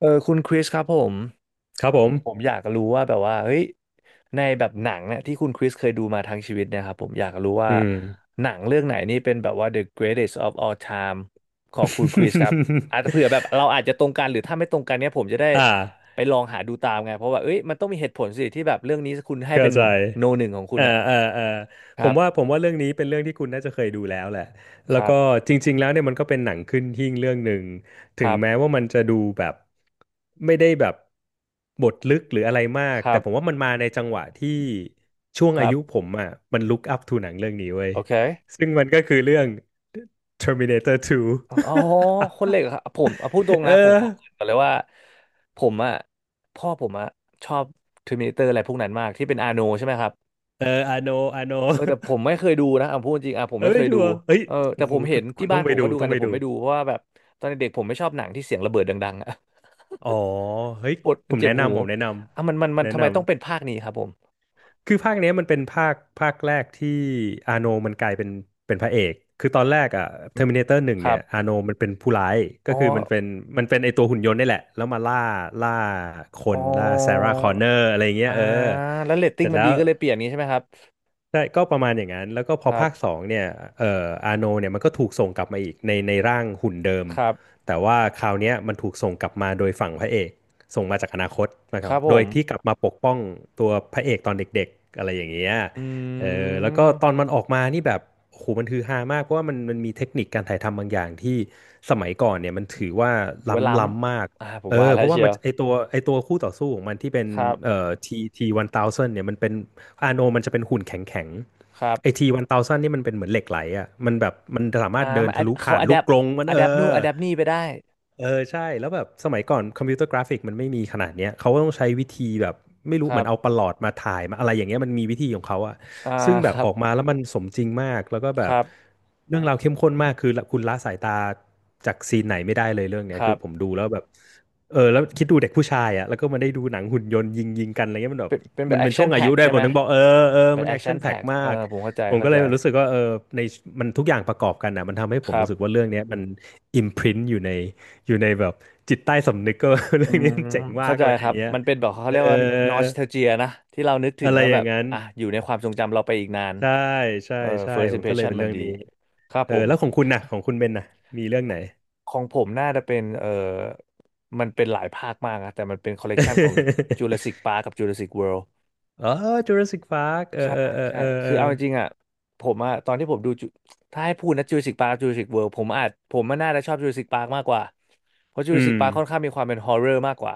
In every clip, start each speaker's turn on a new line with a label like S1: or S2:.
S1: เออคุณคริสครับผม
S2: ครับผม
S1: ผมอยากรู้ว่าแบบว่าเฮ้ยในแบบหนังเนี่ยที่คุณคริสเคยดูมาทั้งชีวิตเนะครับผมอยากรู้ว่า
S2: อืม
S1: หนังเรื่องไหนนี่เป็นแบบว่า the greatest of all time ของคุณคริสครับอาจจะเผื่อแบบ เราอาจจะตรงกันหรือถ้าไม่ตรงกันเนี่ยผมจะได้
S2: อ่า
S1: ไปลองหาดูตามไงเพราะว่าเอ้ยมันต้องมีเหตุผลสิที่แบบเรื่องนี้คุณให้
S2: เข้า
S1: เป็น
S2: ใจ
S1: โนหนึ่งของคุณ
S2: เอ่า
S1: อะ
S2: อ่าอ่า
S1: ค
S2: ผ
S1: รั
S2: มว่าผ
S1: บ
S2: มว่าเรื่องนี้เป็นเรื่องที่คุณน่าจะเคยดูแล้วแหละแล้
S1: ค
S2: ว
S1: รั
S2: ก็
S1: บ
S2: จริงๆแล้วเนี่ยมันก็เป็นหนังขึ้นหิ้งเรื่องหนึ่งถึ
S1: ค
S2: ง
S1: รับ
S2: แม้ว่ามันจะดูแบบไม่ได้แบบบทลึกหรืออะไรมาก
S1: ค
S2: แต่
S1: รับ
S2: ผมว่ามันมาในจังหวะที่ช่วง
S1: ค
S2: อา
S1: รับ
S2: ยุ
S1: ค
S2: ผ
S1: รับ
S2: มอ่ะมันลุกอัพทูหนังเรื่องนี้เว้ย
S1: โอเค
S2: ซึ่งมันก็คือเรื่อง Terminator 2
S1: อ๋อคนเหล็กเหรอครับผมเอาพูดตรง
S2: เอ
S1: นะผม
S2: อ
S1: ขอเกริ่นก่อนเลยว่าผมอ่ะพ่อผมอ่ะชอบเทอร์มินเตอร์อะไรพวกนั้นมากที่เป็นอาโนใช่ไหมครับ
S2: เออ I know I know
S1: เออแต่ผมไม่เคยดูนะเอาพูดจริงอ่ะผม
S2: เอ้
S1: ไม่เค
S2: ย
S1: ย
S2: ดู
S1: ดู
S2: อ่ะเฮ้ย
S1: เออแต่
S2: โอ้โห
S1: ผมเห็
S2: คุ
S1: น
S2: ณคุ
S1: ที่
S2: ณต้
S1: บ้า
S2: อ
S1: น
S2: งไป
S1: ผม
S2: ดู
S1: เขาดูกั
S2: ต้อ
S1: น
S2: งไป
S1: แต่ผ
S2: ดู
S1: มไม่ดูเพราะว่าแบบตอนเด็กๆผมไม่ชอบหนังที่เสียงระเบิดดังๆอ่ะ
S2: อ๋อเฮ้ย
S1: ปวด
S2: ผ
S1: มัน
S2: ม
S1: เจ็
S2: แนะ
S1: บหู
S2: นำผมแนะน
S1: อ่ะมันมัน
S2: ำ
S1: มัน
S2: แนะ
S1: ทำไม
S2: นำ
S1: ต้องเป็นภาคนี้ครับผม
S2: คือภาคเนี้ยมันเป็นภาคแรกที่อาโนมันกลายเป็นพระเอกคือตอนแรกอ่ะ
S1: อืม
S2: Terminator หนึ่ง
S1: ครั
S2: เนี่ย
S1: บ
S2: อาโนมันเป็นผู้ร้ายก็
S1: อ๋อ
S2: คือมันเป็นไอตัวหุ่นยนต์นี่แหละแล้วมาล่าล่าค
S1: อ๋
S2: นล่าซา
S1: อ
S2: ร่าคอนเนอร์อะไรเงี้ย
S1: อ่า
S2: เออ
S1: แล้วเรตติ้
S2: เส
S1: ง
S2: ร็จ
S1: มัน
S2: แล้
S1: ดี
S2: ว
S1: ก็เลยเปลี่ยนนี้ใช่ไหมครับ
S2: ใช่ก็ประมาณอย่างนั้นแล้วก็พ
S1: ค
S2: อ
S1: รั
S2: ภาคส
S1: บ
S2: องเนี่ยอาโนเนี่ยมันก็ถูกส่งกลับมาอีกในร่างหุ่นเดิม
S1: ครับ
S2: แต่ว่าคราวเนี้ยมันถูกส่งกลับมาโดยฝั่งพระเอกส่งมาจากอนาคตนะค
S1: ค
S2: รับ
S1: รับผ
S2: โดย
S1: ม
S2: ที่กลับมาปกป้องตัวพระเอกตอนเด็กๆอะไรอย่างเงี้ย
S1: อ
S2: เอ
S1: ื
S2: อแล้วก็
S1: ม
S2: ตอนมันออกมานี่แบบโอ้โหมันฮือฮามากเพราะว่ามันมีเทคนิคการถ่ายทำบางอย่างที่สมัยก่อนเนี่ยมันถือว่า
S1: หรือว่าล้
S2: ล้ำล้ำมาก
S1: ำอ่าผม
S2: เอ
S1: ว่า
S2: อ
S1: แล้
S2: เพ
S1: ว
S2: ราะว่า
S1: เชีย
S2: มัน
S1: ว
S2: ไอตัวคู่ต่อสู้ของมันที่เป็น
S1: ครับ
S2: ทีวันเทาซันเนี่ยมันเป็นอาโนมันจะเป็นหุ่นแข็งแข็ง
S1: ครับ
S2: ไอทีวันเทาซันนี่มันเป็นเหมือนเหล็กไหลอ่ะมันแบบมันสา
S1: อ่า
S2: มารถเดิ
S1: มั
S2: น
S1: นอะ
S2: ทะลุ
S1: เขา
S2: ผ่าน
S1: อะแด
S2: ลูก
S1: ป
S2: กรงมัน
S1: อะ
S2: เอ
S1: แดปนู่น
S2: อ
S1: อะแดปนี่ไปได้
S2: เออใช่แล้วแบบสมัยก่อนคอมพิวเตอร์กราฟิกมันไม่มีขนาดเนี้ยเขาก็ต้องใช้วิธีแบบไม่
S1: ค
S2: รู้เห
S1: รั
S2: มือนเอาป
S1: บ
S2: ระหลอดมาถ่ายมาอะไรอย่างเงี้ยมันมีวิธีของเขาอะ
S1: อ่า
S2: ซึ่งแบ
S1: ค
S2: บ
S1: รั
S2: อ
S1: บ
S2: อกมาแล้วมันสมจริงมากแล้วก็แบ
S1: ค
S2: บ
S1: รับ
S2: เรื่องราวเข้มข้นมากคือคุณละสายตาจากซีนไหนไม่ได้เลยเรื่องเนี้
S1: ค
S2: ย
S1: รั
S2: คือผม
S1: บ
S2: ดูแล้วแบบเออแล้วคิดดูเด็กผู้ชายอะแล้วก็มาได้ดูหนังหุ่นยนต์ยิงยิงกันอะไรเงี้ยมันแบ
S1: เป็
S2: บ
S1: นเป็นแบ
S2: มั
S1: บ
S2: น
S1: แอ
S2: เป็
S1: ค
S2: นช่
S1: ชั่
S2: ว
S1: น
S2: งอา
S1: แพ็
S2: ยุ
S1: ก
S2: ได้วย
S1: ใช่
S2: ผ
S1: ไหม
S2: มถึงบอกเออเออ
S1: แบ
S2: มั
S1: บ
S2: น
S1: แอ
S2: แอ
S1: ค
S2: ค
S1: ชั่
S2: ชั่น
S1: น
S2: แพ็ค
S1: แพ็ก
S2: มา
S1: เออ
S2: ก
S1: ผมเข้าใจ
S2: ผม
S1: เข้า
S2: ก็เล
S1: ใจ
S2: ยรู้สึกว่าเออในมันทุกอย่างประกอบกันอะมันทำให้
S1: ค
S2: ผม
S1: รั
S2: รู้สึก
S1: บ
S2: ว่าเรื่องเนี้ยมันอิมพรินอยู่ใน อยู่ในแบบจิตใต้สำนึกก็
S1: อื
S2: เรื่องนี้
S1: ม
S2: มันเจ๋งมา
S1: เข้า
S2: ก
S1: ใจ
S2: อะไร
S1: ค
S2: อ
S1: รั
S2: ย่า
S1: บ
S2: งเงี้ย
S1: มันเป็นแบบเขา
S2: เออ
S1: เรียกว่านอสเทลเจียนะที่เรานึกถึ
S2: อะ
S1: ง
S2: ไร
S1: แล้ว
S2: อ
S1: แบ
S2: ย่า
S1: บ
S2: งนั้น
S1: อ่ะอยู่ในความทรงจำเราไปอีกนาน
S2: ใช่ใช่
S1: เออ
S2: ใช่
S1: first
S2: ผมก็เลย
S1: impression
S2: เป็น
S1: มั
S2: เรื่
S1: น
S2: อง
S1: ดี
S2: นี้
S1: ครับ
S2: เออ
S1: ผม
S2: แล้วของคุณน่ะของคุณเบนน่ะมีเรื่องไหน
S1: ของผมน่าจะเป็นมันเป็นหลายภาคมากนะแต่มันเป็นคอลเลกชันของ Jurassic Park กับ Jurassic World
S2: อ๋อ Jurassic Park เอ
S1: ใช่
S2: อเออเออ
S1: ใช่
S2: เออเอ
S1: คือเอา
S2: อ
S1: จริงๆอ่ะผมอ่ะตอนที่ผมดูจุถ้าให้พูดนะ Jurassic Park กับ Jurassic World ผมอาจผมมันน่าจะชอบ Jurassic Park มากกว่าเพราะ
S2: อื
S1: Jurassic
S2: ม
S1: Park ค่อนข้างมีความเป็นฮอ r ์เรอร์มากกว่า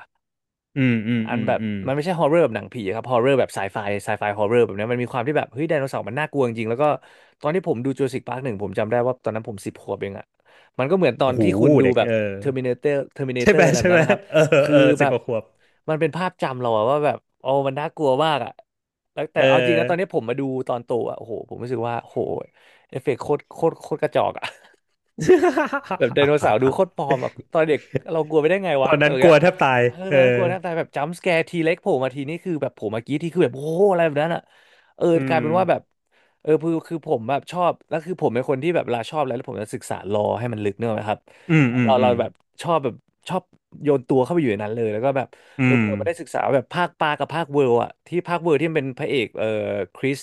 S2: อืมอืม
S1: อัน
S2: อืม
S1: แบบ
S2: อืม
S1: มันไม่ใช่ฮอร์เรอร์แบบหนังผีครับฮอร์เรอร์แบบไซไฟไซไฟฮอร์เรอร์แบบเนี้ยมันมีความที่แบบเฮ้ยไดโนเสาร์มันน่ากลัวจริงๆแล้วก็ตอนที่ผมดูจูราสสิคพาร์คหนึ่งผมจำได้ว่าตอนนั้นผม10 ขวบเองอะมันก็เหมือนตอ
S2: โอ้
S1: น
S2: โห
S1: ที่คุณดู
S2: เด็ก
S1: แบบ
S2: เออ
S1: เทอร์มินาเตอร์เทอร์มินา
S2: ใช่
S1: เตอ
S2: ไหม
S1: ร์อะไรแบ
S2: ใช่
S1: บ
S2: ไหม
S1: นั้นนะครับ
S2: เออ
S1: คือ
S2: เออ
S1: แบ
S2: สิบ
S1: บ
S2: กว่าขวบ
S1: มันเป็นภาพจำเราอะว่าแบบโอ้มันน่ากลัวมากอะแล้วแต่
S2: เอ
S1: เอาจริงนะตอน
S2: อ
S1: นี้ผมมาดูตอนโตอะโอ้โหผมรู้สึกว่าโอ้โหเอฟเฟกต์โคตรโคตรโคตรกระจอกอะ แบบไดโนเสาร์ดูโคตรปลอมอ่ะ ตอนเด็กเรากลัวไปได้ไง
S2: ต
S1: วะ
S2: อน
S1: อะไร
S2: นั้น
S1: อย่าง
S2: กลั
S1: เงี้
S2: ว
S1: ย
S2: แทบตาย
S1: เออต
S2: เอ
S1: อนนั้น
S2: อ
S1: กลัวแทบตายแบบจัมป์สแกร์ทีเล็กโผล่มาทีนี่คือแบบโผล่มากี้ที่คือแบบโอ้โหอะไรแบบนั้นอ่ะเออ
S2: อื
S1: กลาย
S2: ม
S1: เป็นว่าแบบเออคือผมแบบชอบแล้วคือผมเป็นคนที่แบบเวลาชอบอะไรแล้วผมจะศึกษาลอให้มันลึกเนกอะครับ
S2: อืมอืม
S1: เรา
S2: อื
S1: เรา
S2: ม
S1: แบบชอบแบบชอบโยนตัวเข้าไปอยู่ในนั้นเลยแล้วก็แบบ
S2: อื
S1: เออ
S2: ม
S1: เราไม่ได้ศึกษาแบบภาคปลากับภาคเวิร์ลอ่ะที่ภาคเวิร์ลที่มันเป็นพระเอกเออคริส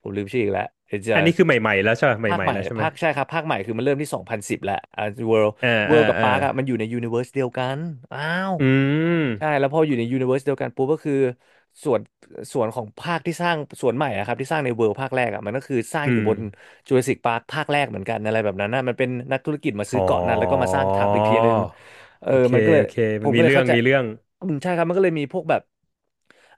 S1: ผมลืมชื่ออีกแล้วเดี๋ยวจะ
S2: อันนี้คือใหม่ๆแล้วใช่ไหม
S1: ภาค
S2: ใหม่
S1: ให
S2: ๆ
S1: ม่
S2: แล้วใช่ไหม
S1: ภาคใช่ครับภาคใหม่คือมันเริ่มที่2010แหละอ่าเวิลด์
S2: เออ
S1: เวิ
S2: เออ
S1: ลด์กับ
S2: เออ
S1: ปาร์คอะมันอยู่ในยูนิเวอร์สเดียวกันอ้าว
S2: อืม
S1: ใช่แล้วพออยู่ในยูนิเวอร์สเดียวกันปุ๊บก็คือส่วนส่วนของภาคที่สร้างส่วนใหม่อะครับที่สร้างในเวิลด์ภาคแรกอะมันก็คือสร้าง
S2: อื
S1: อยู่
S2: ม
S1: บนจูราสสิกปาร์คภาคแรกเหมือนกันอะไรแบบนั้นนะมันเป็นนักธุรกิจมา
S2: อ๋
S1: ซื้อ
S2: อ
S1: เกาะนั้นแล้วก็มาสร้างทับอีกทีนึงเออ
S2: โอเค
S1: มันก็เลย
S2: โอเค
S1: ผ
S2: มัน
S1: มก็
S2: มี
S1: เลย
S2: เรื่อ
S1: เข้า
S2: ง
S1: ใจ
S2: มีเรื่อง
S1: อืมใช่ครับมันก็เลยมีพวกแบบ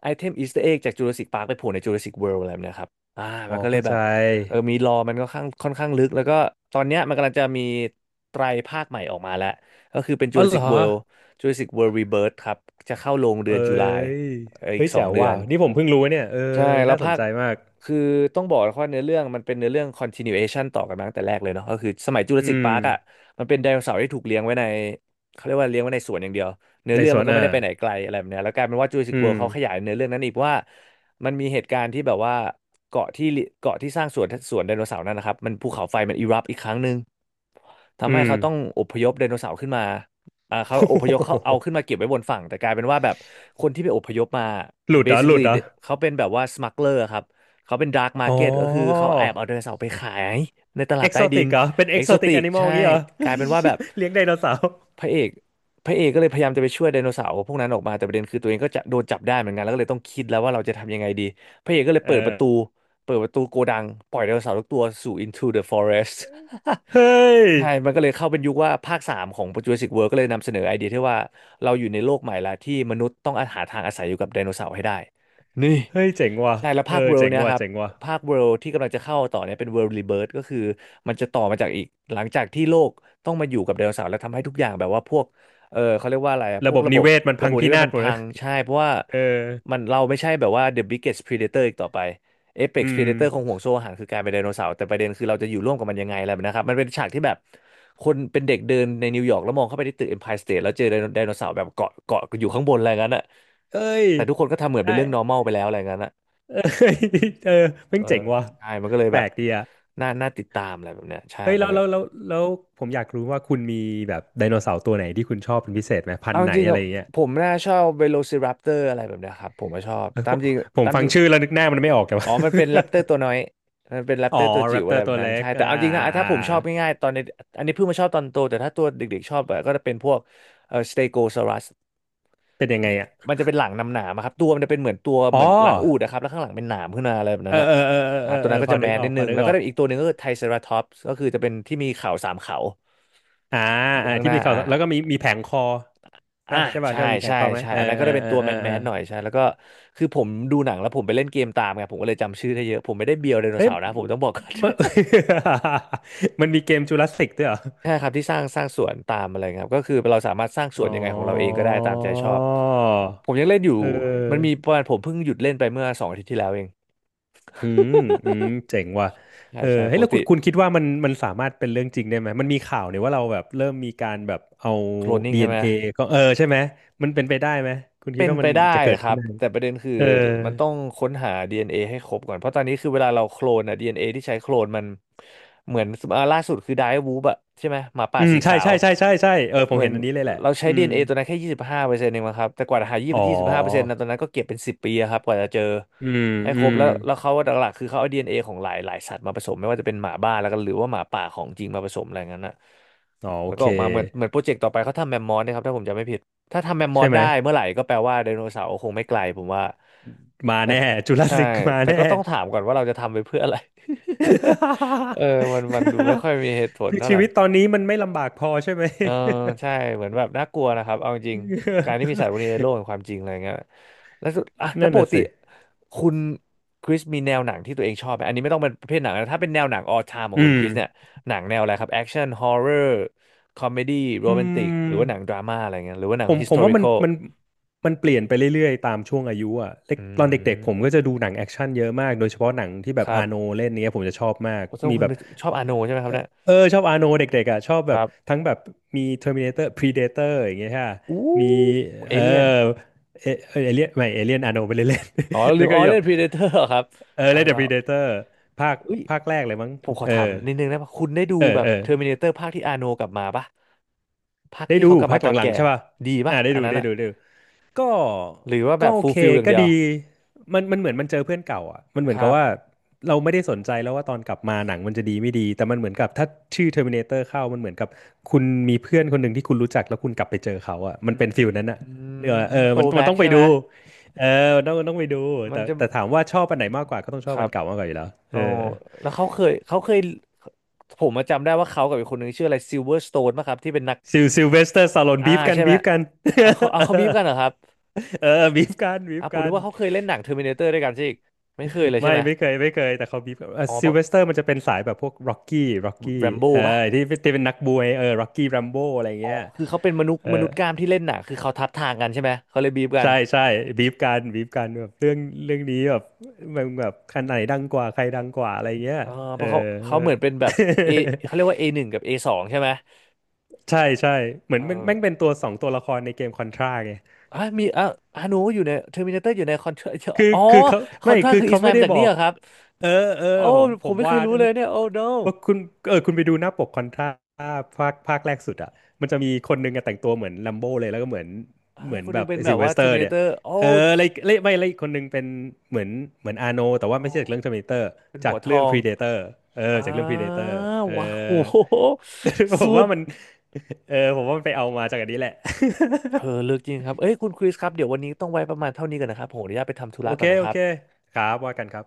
S1: ไอเทมอีสเตอร์เอ็กจากจูราสสิกพาร์คไปโผล่ในจูราสสิกเวิลด์อะไรแบบเนี้ยครับ อ่ามั
S2: อ๋อ
S1: นก็เลย
S2: เข้า
S1: แบ
S2: ใจ
S1: บเออมีรอมันก็ค่อนข้างลึกแล้วก็ตอนเนี้ยมันกำลังจะมีไตรภาคใหม่ออกมาแล้วก็คือเป็น
S2: อ๋อเหร อ
S1: Jurassic World Rebirth ครับจะเข้าโรงเดื
S2: เอ้
S1: อนตุลา
S2: ย
S1: เอออี
S2: เฮ้
S1: ก
S2: ย
S1: สอ
S2: แจ๋
S1: ง
S2: ว
S1: เดือ
S2: ว่ะ
S1: น
S2: นี่ผมเพิ่งรู้เนี่ยเออ
S1: ใช่แล้ว
S2: น่าส
S1: ภา
S2: น
S1: ค
S2: ใจมาก
S1: คือต้องบอกว่าเนื้อเรื่องมันเป็นเนื้อเรื่อง continuation ต่อกันมาตั้งแต่แรกเลยเนาะก็คือสมัย
S2: อื
S1: Jurassic
S2: ม
S1: Park อ่ะมันเป็นไดโนเสาร์ที่ถูกเลี้ยงไว้ในเขาเรียกว่าเลี้ยงไว้ในสวนอย่างเดียวเนื้อ
S2: ใน
S1: เรื่อง
S2: ส
S1: มั
S2: วน
S1: นก็
S2: อ
S1: ไม่
S2: อะ
S1: ได้ไปไหนไกลอะไรแบบเนี้ยแล้วกลายเป็นว่า Jurassic
S2: อืม
S1: World เขาขยายเนื้อเรื่องนั้นอีกว่า มันมีเหตุการณ์ที่แบบว่าเกาะที่เกาะที่สร้างสวนไดโนเสาร์นั่นนะครับมันภูเขาไฟมันอิรัปอีกครั้งหนึ่ง
S2: อื
S1: ทำให้
S2: ม
S1: เขาต้องอพยพไดโนเสาร์ขึ้นมาเขา
S2: โอ้
S1: อ
S2: โ
S1: พยพเขาเอาขึ้
S2: ห
S1: นมาเก็บไว้บนฝั่งแต่กลายเป็นว่าแบบคนที่ไปอพยพมา
S2: หลุดเหรอหลุ
S1: basically
S2: ดเหรอ
S1: เขาเป็นแบบว่า smuggler ครับเขาเป็น dark
S2: อ๋อ
S1: market ก็คือเขาแอบเอาไดโนเสาร์ไปขายในตลาด
S2: เอ็ก
S1: ใต้
S2: โซ
S1: ดิ
S2: ติ
S1: น
S2: กเหรอเป็น
S1: เอ
S2: เอ็ก
S1: ก
S2: โซ
S1: โซ
S2: ติก
S1: ติ
S2: แอ
S1: ก
S2: นิมอล
S1: ใช่
S2: งี้เหรอ
S1: ก
S2: เฮ้
S1: ลาย
S2: ย
S1: เป็นว่าแบบ
S2: เลี้ยงไดโนเสาร์
S1: พระเอกพระเอกก็เลยพยายามจะไปช่วยไดโนเสาร์พวกนั้นออกมาแต่ประเด็นคือตัวเองก็จะโดนจับได้เหมือนกันแล้วก็เลยต้องคิดแล้วว่าเราจะทำยังไงดีพระเอกก็เลย
S2: เอ
S1: เปิดป
S2: อ
S1: ระตูเปิดประตูโกดังปล่อยไดโนเสาร์ทุกตัวสู่ into the forest
S2: เฮ้ย
S1: ใช่ มันก็เลยเข้าเป็นยุคว่าภาคสามของ Jurassic World ก็เลยนำเสนอไอเดียที่ว่าเราอยู่ในโลกใหม่ละที่มนุษย์ต้องอาหาทางอาศัยอยู่กับไดโนเสาร์ให้ได้ นี่
S2: เฮ้ยเจ๋งว่ะ
S1: ใช่แล้ว
S2: เออ
S1: ภาค World
S2: เจ๋ง
S1: เนี่ย
S2: ว่ะ
S1: ครับ
S2: เจ๋งว่ะ
S1: ภาค World ที่กำลังจะเข้าต่อเนี่ยเป็น World Rebirth ก็คือมันจะต่อมาจากอีกหลังจากที่โลกต้องมาอยู่กับไดโนเสาร์แล้วทำให้ทุกอย่างแบบว่าพวกเออเขาเรียกว่าอะไรอะพ
S2: ระ
S1: ว
S2: บ
S1: ก
S2: บ
S1: ระบ
S2: นิ
S1: บ
S2: เวศมัน
S1: ระ
S2: พั
S1: บ
S2: ง
S1: บนิ
S2: พิ
S1: เวศ
S2: นาศ
S1: มัน
S2: หมดเล
S1: พั
S2: ย
S1: งใช่เพราะว่า
S2: เออ
S1: มันเราไม่ใช่แบบว่า the biggest predator อีกต่อไป เอ e
S2: อื
S1: x p r e
S2: ม
S1: d a ีเดเตอร์คงห่วงโซ่อาหารคือกลารเป็นไดโนเสาร์แต่ประเด็นคือเราจะอยู่ร่วมกับมันยังไงอะไรแบบนะครับมันเป็นฉากที่แบบคนเป็นเด็กเดินในนิวยอร์กแล้วมองเข้าไปที่ตึกเอ็มไพร์สเตทแล้วเจอไดโนเสาร์แบบเกาะอยู่ข้างบนอะไรงั้นอ่ะ
S2: เอ้ย
S1: แต่ทุกคนก็ทำเหมือนเป็
S2: ได้
S1: นเรื่อง normal ไปแล้วอะไรงั้นอ่ะ
S2: เอ้ยเออเพิ่
S1: เอ
S2: ง
S1: อ
S2: เจ๋งว่ะ
S1: ใช่มันก็เลย
S2: แป
S1: แบ
S2: ล
S1: บ
S2: กดีอ่ะ
S1: น่าติดตามอะไรแบบเนี้ยใช่
S2: เฮ้ย
S1: มั
S2: แล้
S1: น
S2: ว
S1: ก็
S2: แล้วผมอยากรู้ว่าคุณมีแบบไดโนเสาร์ตัวไหนที่คุณชอบเป็นพิเศษไหมพัน
S1: เอา
S2: ธุ์
S1: จ
S2: ไหน
S1: ริงๆ
S2: อะไร
S1: อะ
S2: อย่างเงี้ย
S1: ผมน่าชอบ Velociraptor อะไรแบบเนี้ยครับผมก็ชอบ
S2: เออ
S1: ตา
S2: ผ
S1: ม
S2: ม
S1: จริง
S2: ผม
S1: ตาม
S2: ฟั
S1: จ
S2: ง
S1: ริง
S2: ชื่อแล้วนึกหน้ามันไม่ออกแต่
S1: อ๋
S2: ว่า
S1: อมันเป็นแรปเตอร์ตัวน้อยมันเป็นแรป
S2: อ๋
S1: เต
S2: อ
S1: อร์ตัว
S2: แร
S1: จิ๋ว
S2: ปเต
S1: อะ
S2: อ
S1: ไร
S2: ร์
S1: แบ
S2: ตั
S1: บ
S2: ว
S1: นั้น
S2: เล็
S1: ใช่
S2: ก
S1: แต่
S2: อ่า
S1: เอาจ
S2: อ่า
S1: ริงนะ
S2: อ่า
S1: ถ้า
S2: อ่า
S1: ผมชอบง่ายๆ ตอนในอันนี้เพิ่งมาชอบตอนโตแต่ถ้าตัวเด็กๆชอบอะก็จะเป็นพวกสเตโกซอรัส
S2: เป็นยังไงอ่ะ
S1: มันจะเป็นหลังหนามๆอะครับ ตัวมันจะเป็นเหมือนตัวเห
S2: อ๋
S1: มือ
S2: อ
S1: นหลังอูฐนะครับแล้วข้างหลังเป็นหนามขึ้นมาอะไรแบบ
S2: เอ
S1: นั้
S2: อ
S1: นนะ
S2: เออเออเออ
S1: อ่า
S2: เออ
S1: ตัว
S2: เออ
S1: นั้นก็
S2: พอ
S1: จะแม
S2: นึก
S1: ส
S2: ออ
S1: นิ
S2: ก
S1: ด
S2: พ
S1: นึ
S2: อ
S1: ง
S2: นึก
S1: แล้ว
S2: อ
S1: ก็
S2: อก
S1: อีกตัวหนึ่งก็คือไทรเซราทอปส์ก็คือจะเป็นที่มีเขา3 เขา
S2: อ่า
S1: อยู่
S2: อ่า
S1: ข้างห
S2: ที่
S1: น้า
S2: มีเขา
S1: อ่า
S2: แล้วก็มีมีแผงคอ
S1: อ่า
S2: ป่ะใช่ป่ะ
S1: ใช่
S2: ใช่ป่ะมีแผ
S1: ใช่
S2: นคอมไหม
S1: ใช่
S2: เออ
S1: อันนั้นก็
S2: เออ
S1: ได้เป็น
S2: เออ
S1: ตัว
S2: เอ
S1: แม
S2: อ
S1: นแม
S2: เออ
S1: นหน่อยใช่แล้วก็คือผมดูหนังแล้วผมไปเล่นเกมตามไงผมก็เลยจำชื่อได้เยอะผมไม่ได้เบียวไดโน
S2: เฮ้ย
S1: เสาร์นะผมต้องบอกก่อน
S2: มัน มันมีเกมจูราสสิกด้วยเหรอ
S1: ใช่ครับที่สร้างสวนตามอะไรครับก็คือเราสามารถสร้างส
S2: อ๋
S1: วนยังไงของเราเอง
S2: อ
S1: ก็ได้ตามใจชอบผมยังเล่นอยู่
S2: เ
S1: มันมี
S2: ออ
S1: ประมาณผมเพิ่งหยุดเล่นไปเมื่อ2 อาทิตย์ที่แล้วเอง
S2: อืมอืมเจ๋งว่ะ
S1: ใช่
S2: เออ
S1: ใช่
S2: เฮ้
S1: ป
S2: ย
S1: ก
S2: แล้ว
S1: ติ
S2: คุณคิดว่ามันสามารถเป็นเรื่องจริงได้ไหมมันมีข่าวเนี่ยว่าเราแบบเริ่มมีการแบบเอา
S1: โคลนนิ่งใช่ไหม
S2: DNA ก็เออใช่ไหมมันเป็นไปได้ไหมคุณคิ
S1: เป็
S2: ด
S1: น
S2: ว่า
S1: ไป
S2: มัน
S1: ได้
S2: จะเกิด
S1: ครั
S2: ขึ้น
S1: บ
S2: ได้ไหม
S1: แต่ประเด็นคือ
S2: เออ
S1: มันต้องค้นหา DNA ให้ครบก่อนเพราะตอนนี้คือเวลาเราโคลนอะ DNA ที่ใช้โคลนมันเหมือนอ่าล่าสุดคือไดร์วูบอะใช่ไหมหมาป่า
S2: อืม
S1: สี
S2: ใช่
S1: ขาว
S2: ใช่ใช่ใช่ใช่เออผ
S1: เห
S2: ม
S1: มือ
S2: เห็
S1: น
S2: นอันนี้เลยแหละ
S1: เราใช้
S2: อืม
S1: DNA ตัวนั้นแค่25%เองมั้งครับแต่กว่าจะหายี่
S2: อ๋อ
S1: สิบห้าเปอร์เซ็นต์นะตอนนั้นก็เก็บเป็น10 ปีอะครับกว่าจะเจอ
S2: อืม
S1: ให้ค
S2: อื
S1: รบ
S2: ม
S1: แล้วแล้วเขาหลักๆคือเขาเอา DNA ของหลายสัตว์มาผสมไม่ว่าจะเป็นหมาบ้าแล้วก็หรือว่าหมาป่าของจริงมาผสมอะไรงั้นอะ
S2: อ๋อโอ
S1: มันก็
S2: เค
S1: ออกมาเหมือนโปรเจกต์ต่อไปเขาทำแมมมอสนะครับถ้าผมจำไม่ผิด ถ้าทำแมมมอ
S2: ใช่
S1: ส
S2: ไหม
S1: ได้เมื่อไหร่ก็แปลว่าไดโนเสาร์คงไม่ไกลผมว่า
S2: มา
S1: แต่
S2: แน่จูราส
S1: ใช่
S2: สิกมา
S1: แต่
S2: แน่
S1: ก็ต้องถามก่อนว่าเราจะทำไปเพื่ออะไร เออมันดูไม่ค่อยมีเหตุผ ล
S2: คือ
S1: เท่า
S2: ชี
S1: ไหร่
S2: วิตตอนนี้มันไม่ลำบากพอใช่ไหม
S1: เออใช่เหมือนแบบน่ากลัวนะครับเอาจริงๆการที่มีสัตว์พวกนี้ในโล กแห่งความจริงอะไรเงี้ยแล้วสุดอ่ะแล้
S2: นั่
S1: ว
S2: น
S1: ปก
S2: น่ะ
S1: ติ
S2: สิ
S1: คุณคริสมีแนวหนังที่ตัวเองชอบไหมอันนี้ไม่ต้องเป็นประเภทหนังนะถ้าเป็นแนวหนังออ l ไท์ของ
S2: อื
S1: คุณ
S2: ม
S1: คริสเนี่ยหนังแนวอะไรครับแอคชั่นฮอ r ์เรอร์คอมเมดี้โร
S2: อื
S1: แมนติกหรือว่าหนังดรา
S2: ม
S1: ม่าอะไรเงี้ยหรือว่าหนัง
S2: ผม
S1: ฮิส
S2: ผ
S1: t
S2: ม
S1: o r
S2: ว่า
S1: i
S2: มั
S1: c
S2: น
S1: a l
S2: มันมันเปลี่ยนไปเรื่อยๆตามช่วงอายุอ่ะเล็ก
S1: อื
S2: ตอนเด็กๆผมก็
S1: ม
S2: จะดูหนังแอคชั่นเยอะมากโดยเฉพาะหนังที่
S1: ค
S2: แบบ
S1: รั
S2: อาโน
S1: บ
S2: เล่นเนี้ยผมจะชอบมาก
S1: โอ้ต้
S2: มี
S1: คุณ
S2: แบบ
S1: เป็นชอบอาโนใช่ไหมครับเนี่ย
S2: เออชอบอาโนเด็กๆอ่ะชอบ
S1: ค
S2: แบบ
S1: รับ
S2: ทั้งแบบมี Terminator Predator อย่างเงี้ยค่ะ
S1: อู้
S2: มี
S1: เอ
S2: เออ
S1: เลี่ยน
S2: เอเอเลียนไม่เอเลียนอาโนไปเล่นๆ
S1: อ๋อ ลื
S2: แล้
S1: ม
S2: วก็
S1: อ๋อ
S2: แบ
S1: เล่
S2: บ
S1: นพีเดเตอร์ครับ
S2: เออ
S1: อ่ะ
S2: เล่นแต่
S1: เรา
S2: Predator ภาค
S1: เอุ้ย
S2: ภาคแรกเลยมั้ง
S1: ผมขอ
S2: เอ
S1: ถาม
S2: อ
S1: นิดนึงนะคุณได้ดู
S2: เออ
S1: แบบ
S2: เออ
S1: เทอร์มินเตอร์ภาคที่อาโนกลับมาปะภาค
S2: ได้
S1: ที่
S2: ดู
S1: เขากลับ
S2: ภา
S1: มา
S2: ค
S1: ต
S2: ห
S1: อน
S2: ลัง
S1: แก่
S2: ๆใช่ป่ะ
S1: ดีปะ
S2: อ่าได้
S1: อัน
S2: ดู
S1: นั้น
S2: ได้
S1: อะ
S2: ดูได้ดู ก็
S1: หรือว่าแบ
S2: ก็
S1: บ
S2: โอ
S1: ฟูล
S2: เค
S1: ฟิลอย่าง
S2: ก็
S1: เดีย
S2: ดี
S1: ว
S2: มันเหมือนมันเจอเพื่อนเก่าอ่ะมันเหมือ
S1: ค
S2: นกั
S1: รั
S2: บ
S1: บ
S2: ว่าเราไม่ได้สนใจแล้วว่าตอนกลับมาหนังมันจะดีไม่ดีแต่มันเหมือนกับถ้าชื่อ Terminator เข้ามันเหมือนกับคุณมีเพื่อนคนหนึ่งที่คุณรู้จักแล้วคุณกลับไปเจอเขาอ่ะมันเป็นฟิลนั้นอ่ะ
S1: อื
S2: เออเอ
S1: ม
S2: อ
S1: โต
S2: มัน
S1: แบ็ก
S2: ต้องไป
S1: ใช่ไห
S2: ดู
S1: ม
S2: เออมันต้องไปดู
S1: มัน
S2: แต่
S1: จะ
S2: แต่ถามว่าชอบอันไหนมากกว่าก็ต้องช
S1: ค
S2: อบ
S1: รั
S2: อัน
S1: บ
S2: เก่ามากกว่าอยู่แล้วเอ
S1: อ๋
S2: อ
S1: อแล้วเขาเคยผมมาจำได้ว่าเขากับอีกคนนึงชื่ออะไรซิลเวอร์สโตนป่ะครับที่เป็นนัก
S2: ซิลซิลเวสเตอร์สตาโลน
S1: อ่า
S2: บีฟกัน
S1: ใช่ไหม
S2: บีฟกัน
S1: เอาเขาบีฟกันเหรอครับ
S2: เออบีฟกันบีฟ
S1: อ่ะผม
S2: กั
S1: นึก
S2: น
S1: ว่าเขาเคยเล่นหนังเทอร์มินาเตอร์ด้วยกันใช่อีกไม่เคยเลยใช่
S2: ไม่
S1: ไหม
S2: ไม่เคยไม่เคยแต่เขาบีบ
S1: อ๋อเพ
S2: ซิล
S1: ราะ
S2: เวสเตอร์มันจะเป็นสายแบบพวกร็อกกี้ร็อกกี้
S1: แรมโบ้
S2: เออ
S1: ป่ะ
S2: ที่เป็นนักบวยเออร็อกกี้แรมโบ้อะไร
S1: อ๋อ
S2: เงี้ย
S1: คือเขาเป็นมนุษย์
S2: เออ
S1: มนุษย์กล้ามที่เล่นหนังคือเขาทับทางกันใช่ไหมเขาเลยบีฟกัน
S2: ใช่ใช่บีบกันบีบกันแบบเรื่องเรื่องนี้แบบมันแบบคันไหนดังกว่าใครดังกว่าอะไรเงี้ย
S1: เออเพ
S2: เออ
S1: ราะเขาเหมือนเป็นแบบเอเขาเรียกว่า A1กับ A2ใช่ไหม
S2: ใช่ใช่เหมือ
S1: เอ
S2: นมัน
S1: อ
S2: แม่งเป็นตัวสองตัวละครในเกมคอนทราไง
S1: อ่ะมีอ่ะฮานูอยู่ในเทอร์มินาเตอร์อยู่ในคอนทรา
S2: คือ
S1: อ๋อ
S2: คือเขา
S1: คอ
S2: ไม่
S1: นทรา
S2: คือ
S1: คืออิ
S2: เขา
S1: สมา
S2: ไม่
S1: มา
S2: ได้
S1: จาก
S2: บ
S1: นี่
S2: อก
S1: เหรอครับ
S2: เออเอ
S1: โอ้
S2: อผม
S1: ผ
S2: ผ
S1: ม
S2: ม
S1: ไม่เค
S2: วา
S1: ยรู้เลยเนี่ยโอ้ no
S2: ว่าคุณเออคุณไปดูหน้าปกคอนทราภาคแรกสุดอ่ะมันจะมีคนหนึงอะแต่งตัวเหมือนลัมโบเลยแล้วก็เหมือน
S1: อ่า
S2: เหมือน
S1: คนห
S2: แบ
S1: นึง
S2: บ
S1: เป็นแบ
S2: ซิล
S1: บ
S2: เว
S1: ว่า
S2: สเตอร์เนี่ย
S1: Terminator โอ้
S2: เอออะไรอะไรไม่อะไรอีกคนหนึงเป็นเหมือนเหมือนอาโนแต่ว่าไม่
S1: โอ้
S2: ใช่จากเรื่อง Terminator
S1: เป็น
S2: จา
S1: หั
S2: ก
S1: วท
S2: เรื่อง
S1: อง
S2: Predator เออ
S1: อ่
S2: จากเรื่อง
S1: า
S2: Predator เออ
S1: ว้าวโห
S2: ผ
S1: สุ
S2: มว่า
S1: ด
S2: มันเออผมว่ามันไปเอามาจากอันนี้แหละ
S1: เออเลือกจริงครับเอ้ยคุณคริสครับเดี๋ยววันนี้ต้องไว้ประมาณเท่านี้ก่อนนะครับผมขออนุญาตไปทำธุ
S2: โอ
S1: ระ
S2: เค
S1: ก่อนนะค
S2: โอ
S1: รับ
S2: เคครับว่ากันครับ